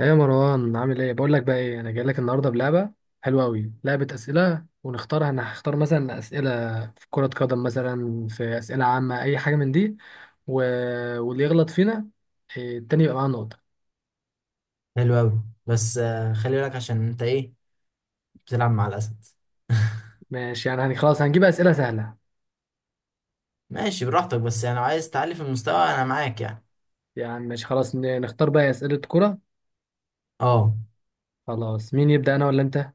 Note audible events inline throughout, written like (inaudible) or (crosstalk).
ايه يا مروان، عامل ايه؟ بقول لك بقى، ايه؟ انا جاي لك النهارده بلعبه حلوه قوي. لعبه اسئله ونختارها. انا هختار مثلا اسئله في كره قدم، مثلا في اسئله عامه، اي حاجه من دي. و... واللي يغلط فينا، التاني يبقى معاه نقطه. حلو أوي بس خلي بالك عشان أنت إيه بتلعب مع الأسد. (laughs) ماشي، خلاص هنجيب اسئله سهله. ماشي براحتك بس يعني لو عايز تعلي في المستوى أنا معاك يعني. يعني ماشي خلاص، نختار بقى اسئله كره. أه. خلاص، مين يبدا، انا ولا انت؟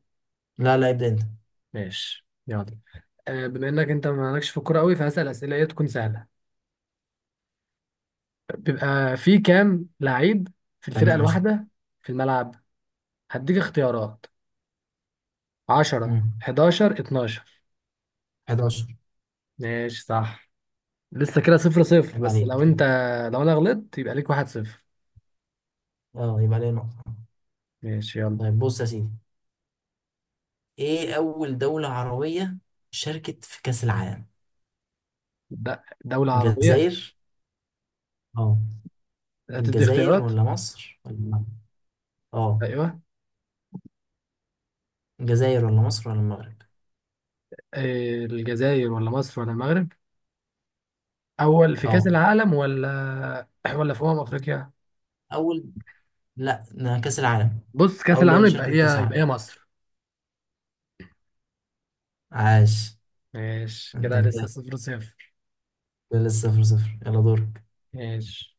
لا، ابدأ أنت. ماشي يلا. بما انك انت مالكش في الكوره قوي، فهسال اسئله ايه تكون سهله. بيبقى في كام لعيب في الفرقه تمام قشطة. الواحده في الملعب؟ هديك اختيارات: عشرة، مم. حداشر، اتناشر. 11. ماشي صح. لسه كده صفر صفر، عيب بس لو عليك. انت... لو انا غلطت يبقى ليك واحد صفر. أه يبقى عليه نقطة. ماشي يلا. طيب بص يا سيدي، إيه أول دولة عربية شاركت في كأس العالم؟ د- دولة عربية. الجزائر. أه، هتدي الجزائر اختيارات؟ ولا مصر ولا المغرب؟ أه، ايوه. الجزائر ولا مصر ولا المغرب؟ الجزائر ولا مصر ولا المغرب؟ اول في كأس أه، العالم ولا (clears throat) ولا في افريقيا؟ أول، لا ده كأس العالم. بص، كأس أول العالم دولة يبقى شاركت كأس هي العالم. مصر. عاش، ماشي انت كده، لسه متأهل. صفر صفر. لسه صفر صفر، يلا دورك. ماشي،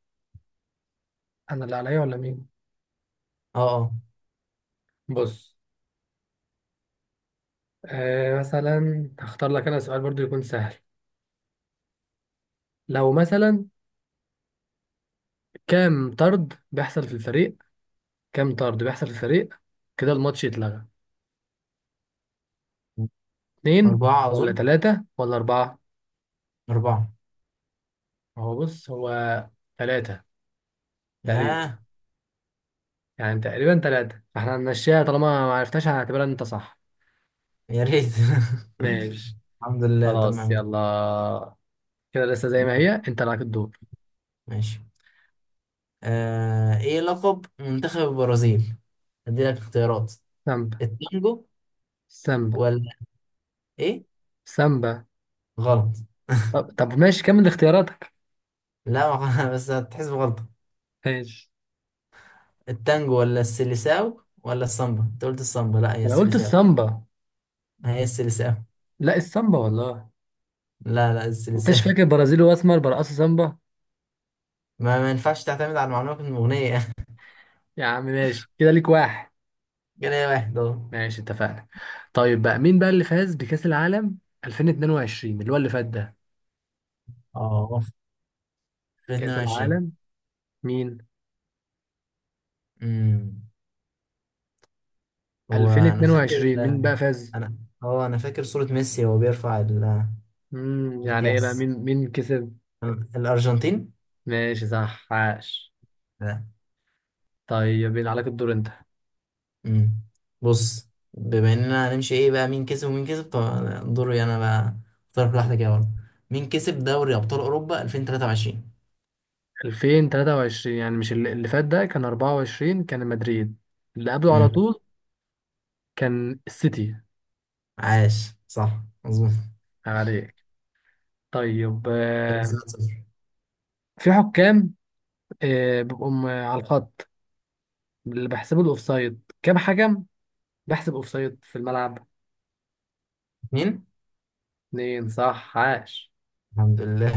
انا اللي عليا ولا مين؟ اه. بص، آه، مثلا هختار لك انا سؤال برضو يكون سهل. لو مثلا كام طرد بيحصل في الفريق، كام طرد بيحصل في الفريق كده الماتش يتلغى؟ اه، اتنين أربعة ولا أظن. تلاتة ولا أربعة؟ أربعة. هو تلاتة تقريبا. ياه، يعني تقريبا تلاتة، فاحنا هنمشيها طالما ما عرفتهاش، هنعتبرها ان انت صح. يا ريت. (laughs) ماشي، الحمد لله، خلاص تمام. يلا. كده لسه زي ما هي، انت لك الدور. ماشي. إيه لقب منتخب البرازيل؟ أديلك اختيارات، سامبا. التانجو سامبا. ولا إيه؟ سامبا. غلط. (laughs) طب, ماشي، كمل اختياراتك. لا (laughs) بس هتحسب غلطة. ماشي، التانجو ولا السيليساو ولا السامبا؟ أنت قلت السامبا، لا هي انا قلت السيليساو. السامبا. هي السيليساو. لا السامبا والله. لا، السيليساو. انتش فاكر (laughs) برازيلي واسمر برقصوا سامبا؟ ما ينفعش تعتمد على المعلومة من الأغنية. يا عم ماشي، كده ليك واحد. جنيه واحد، اه. ماشي اتفقنا. طيب بقى، مين بقى اللي فاز بكأس العالم 2022، اللي هو اللي فات ده؟ اه، في كأس 22. العالم مين امم، هو انا فاكر. 2022 مين بقى فاز؟ انا، اه انا فاكر صورة ميسي وهو بيرفع يعني ايه بقى، الكاس. مين كسب؟ الارجنتين. ماشي صح، عاش. لا. طيب يبقى عليك الدور انت. امم، بص، بما اننا هنمشي، ايه بقى مين كسب ومين كسب فدوري انا بقى. اختار في واحدة كده برضه، مين كسب دوري ابطال اوروبا 2023؟ 2023، يعني مش اللي فات ده كان 24، كان مدريد. اللي قبله على امم. طول كان السيتي. عاش، صح مظبوط. عليك. طيب، كده لسه 1-0. في حكام، آه، بيبقوا على الخط، اللي بيحسبوا الاوفسايد، كام حكم بحسب اوفسايد في الملعب؟ اتنين. اتنين، صح، عاش. الحمد لله.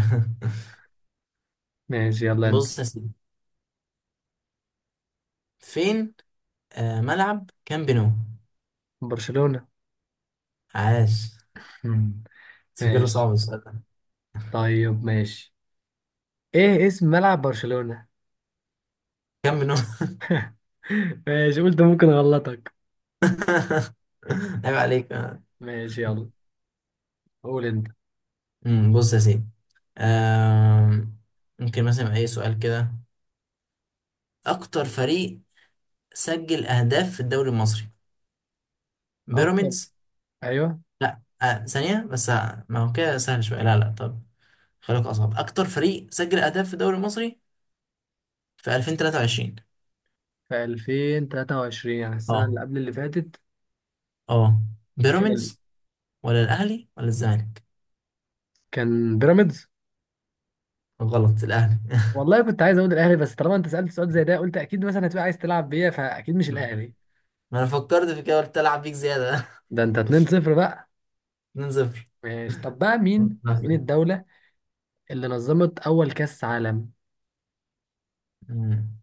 ماشي (laughs) يلا انت. بص يا سيدي، فين، ملعب كامب نو؟ برشلونة. عاش. مم. تفكره ماشي. صعب السؤال ده. طيب ماشي، ايه اسم ملعب برشلونة؟ كم منهم؟ (laughs) ماشي، قلت ممكن اغلطك. (laughs) عيب عليك. ماشي يلا، قول انت. امم، بص يا سيدي، آم، ممكن مثلا اي سؤال كده. اكتر فريق سجل اهداف في الدوري المصري؟ اكتر؟ بيراميدز. ايوه. لا ثانية بس، ما هو كده سهل شوية، لا طب خليك اصعب. اكتر فريق سجل اهداف في الدوري المصري في 2023؟ في 2023 يعني السنة اه. اللي قبل اللي فاتت، اه، كان ال... بيراميدز ولا الاهلي ولا الزمالك؟ كان بيراميدز. غلط، الاهلي. والله كنت عايز اقول الاهلي، بس طالما انت سألت سؤال زي ده، قلت اكيد مثلا هتبقى عايز تلعب بيا، فاكيد مش (laughs) الاهلي. ما انا فكرت في كده، قلت العب بيك زيادة. ده انت 2-0 بقى. (laughs) 2-0. ماشي، طب بقى مين قصدك. الدولة اللي نظمت أول كأس عالم؟ مم.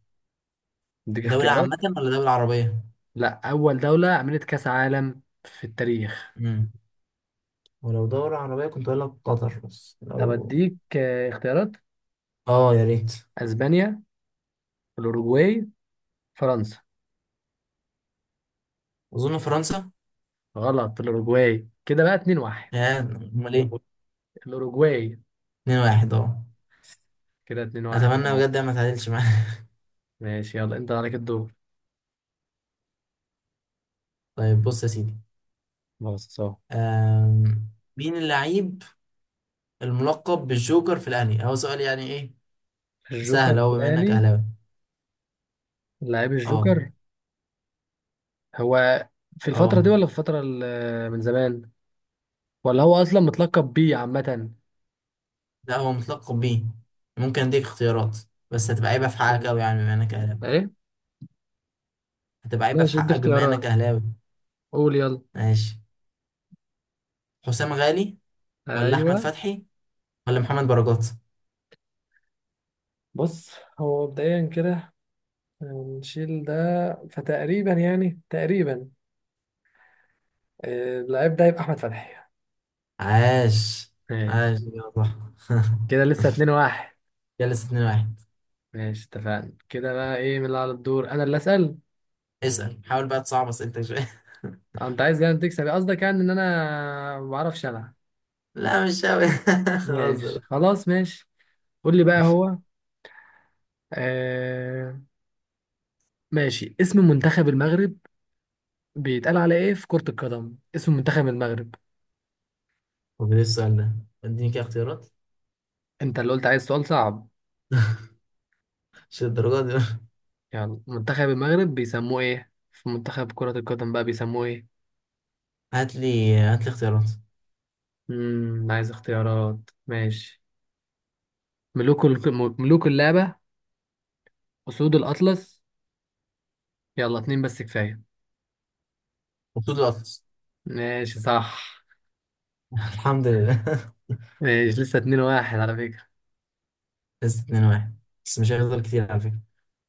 اديك دولة اختيارات؟ عامة ولا دولة عربية؟ لا، أول دولة عملت كأس عالم في التاريخ. مم. ولو دولة عربية كنت أقول لك قطر، بس طب لو، أديك، آه، اختيارات: يا ريت. أسبانيا، الأوروجواي، فرنسا. أظن فرنسا. غلط، الأوروجواي. كده بقى 2 1. يا أمال إيه؟ الأوروجواي. اتنين واحد، أه. كده 2 1. أتمنى بجد ما تعادلش معايا. ماشي يلا، أنت عليك الدور. (laughs) طيب بص يا سيدي، بص اهو. أم... مين اللعيب الملقب بالجوكر في الأهلي؟ هو سؤال يعني إيه الجوكر سهل في أهو بما إنك الأهلي؟ أهلاوي. لعيب أه. الجوكر. هو في الفترة أه. دي ولا في الفترة من زمان، ولا هو أصلا متلقب بيه عامة؟ لا هو متلقب بيه. ممكن أديك اختيارات بس هتبقى عيبة في ماشي. حقك أوي يعني بما إنك أهلاوي. إيه؟ هتبقى عيبة في ماشي، ادي حقك بما إنك اختيارات. أهلاوي. قول يلا. ماشي، حسام غالي ولا احمد ايوه. فتحي ولا محمد بركات؟ بص، هو مبدئيا كده نشيل ده. فتقريبا، يعني تقريبا، آه، اللعيب ده يبقى احمد فتحي. عاش. ماشي. عاش يا صح. (laughs) كده لسه اتنين واحد. جلس 2 واحد. ماشي اتفقنا. كده بقى ايه، من اللي على الدور؟ انا اللي اسال. اسأل، حاول بقى تصعب اسئلتك شوية. آه، انت عايز يعني تكسب، قصدك يعني ان انا ما بعرفش العب. (laughs) لا مش قوي، (laughs) ماشي بهزر. خلاص، ماشي. قول لي بقى، هو آه... ماشي، اسم منتخب المغرب بيتقال على ايه في كرة القدم؟ اسم منتخب المغرب. طب ايه السؤال ده، اديني كده اختيارات. انت اللي قلت عايز سؤال صعب. (laughs) مش الدرجات دي. يلا، منتخب المغرب بيسموه ايه في منتخب كرة القدم بقى، بيسموه ايه؟ هات لي هات لي اختيارات. عايز اختيارات. ماشي: ملوك ال... ملوك اللعبة، أسود الأطلس. يلا اتنين بس كفاية. مبسوط الاطلس. ماشي صح. (laughs) الحمد لله. (laughs) ماشي، لسه اتنين واحد على فكرة. لسه 2 واحد، بس مش هيفضل كتير على فكرة.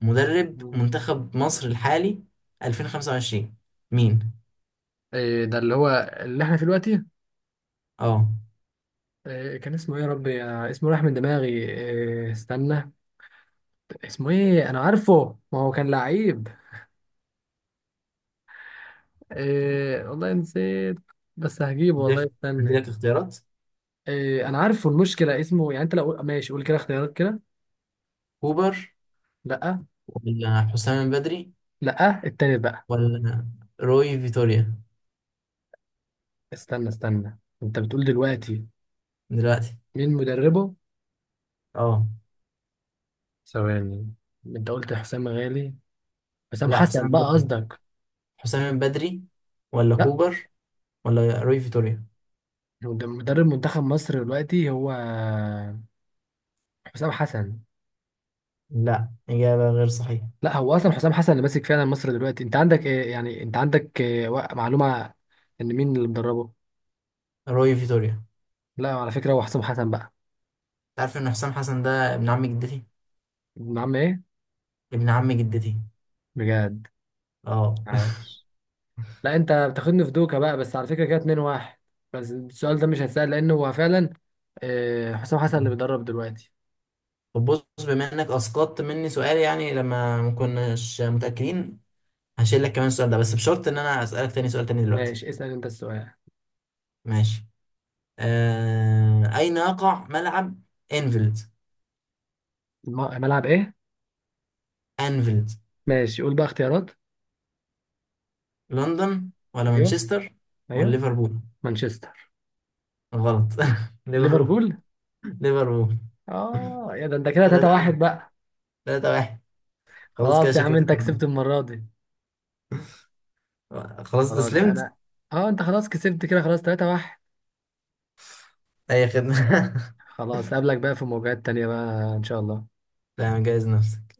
مدرب مم. منتخب مصر الحالي 2025 مين؟ إيه ده اللي هو اللي احنا في دلوقتي؟ اه. إيه كان اسمه، ايه يا ربي، آه، اسمه راح من دماغي. إيه استنى، اسمه ايه، انا عارفه، ما هو كان لعيب. إيه، والله نسيت، بس هجيبه والله، اديلك، استنى. اديلك اختيارات. إيه، انا عارفه المشكله، اسمه يعني، انت لو ماشي قول كده اختيارات كده. كوبر لا ولا حسام بدري لا التاني بقى. ولا روي فيتوريا؟ استنى استنى، انت بتقول دلوقتي دلوقتي. مين مدربه؟ اه. ثواني. انت قلت حسام غالي، حسام لا حسن حسام بقى بدري. قصدك. حسام بدري ولا لا، كوبر ولا روي فيتوريا؟ هو ده مدرب منتخب مصر دلوقتي، هو حسام حسن. لا إجابة غير صحيحة. لا، هو اصلا حسام حسن اللي ماسك فعلا مصر دلوقتي. انت عندك إيه يعني، انت عندك إيه معلومه ان مين اللي مدربه؟ روي فيتوريا. لا على فكره، هو حسام حسن بقى. تعرف إن حسام حسن ده ابن عم جدتي. ابن عم ايه؟ ابن عم جدتي. بجد؟ اه. (laughs) عاش. لا انت بتاخدني في دوكا بقى، بس على فكره كده 2 1. بس السؤال ده مش هيتسال، لانه هو فعلا، آه، حسام حسن اللي بيدرب دلوقتي. طب بص، بما إنك أسقطت مني سؤال يعني لما ما كناش متأكدين، هشيل لك كمان السؤال ده بس بشرط إن أنا أسألك تاني سؤال تاني دلوقتي. ماشي، اسال انت السؤال. ماشي. أين يقع ملعب أنفيلد؟ ملعب ايه؟ أنفيلد. ماشي، قول بقى اختيارات. لندن ولا ايوه. مانشستر ولا ايوه. ليفربول؟ مانشستر. غلط. (laughs) ليفربول. ليفربول. ليفربول. اه يا، ده انت كده ثلاثة 3 1 واحد. بقى. ثلاثة واحد. خلاص كده خلاص يا عم، شكلك انت اتفضل. كسبت المره دي. خلاص خلاص استسلمت. انا، اه انت خلاص كسبت كده. خلاص 3 1. أي خدمة. (laughs) خلاص قابلك بقى في مواجهات تانية بقى ان شاء الله. تمام جايز نفسك.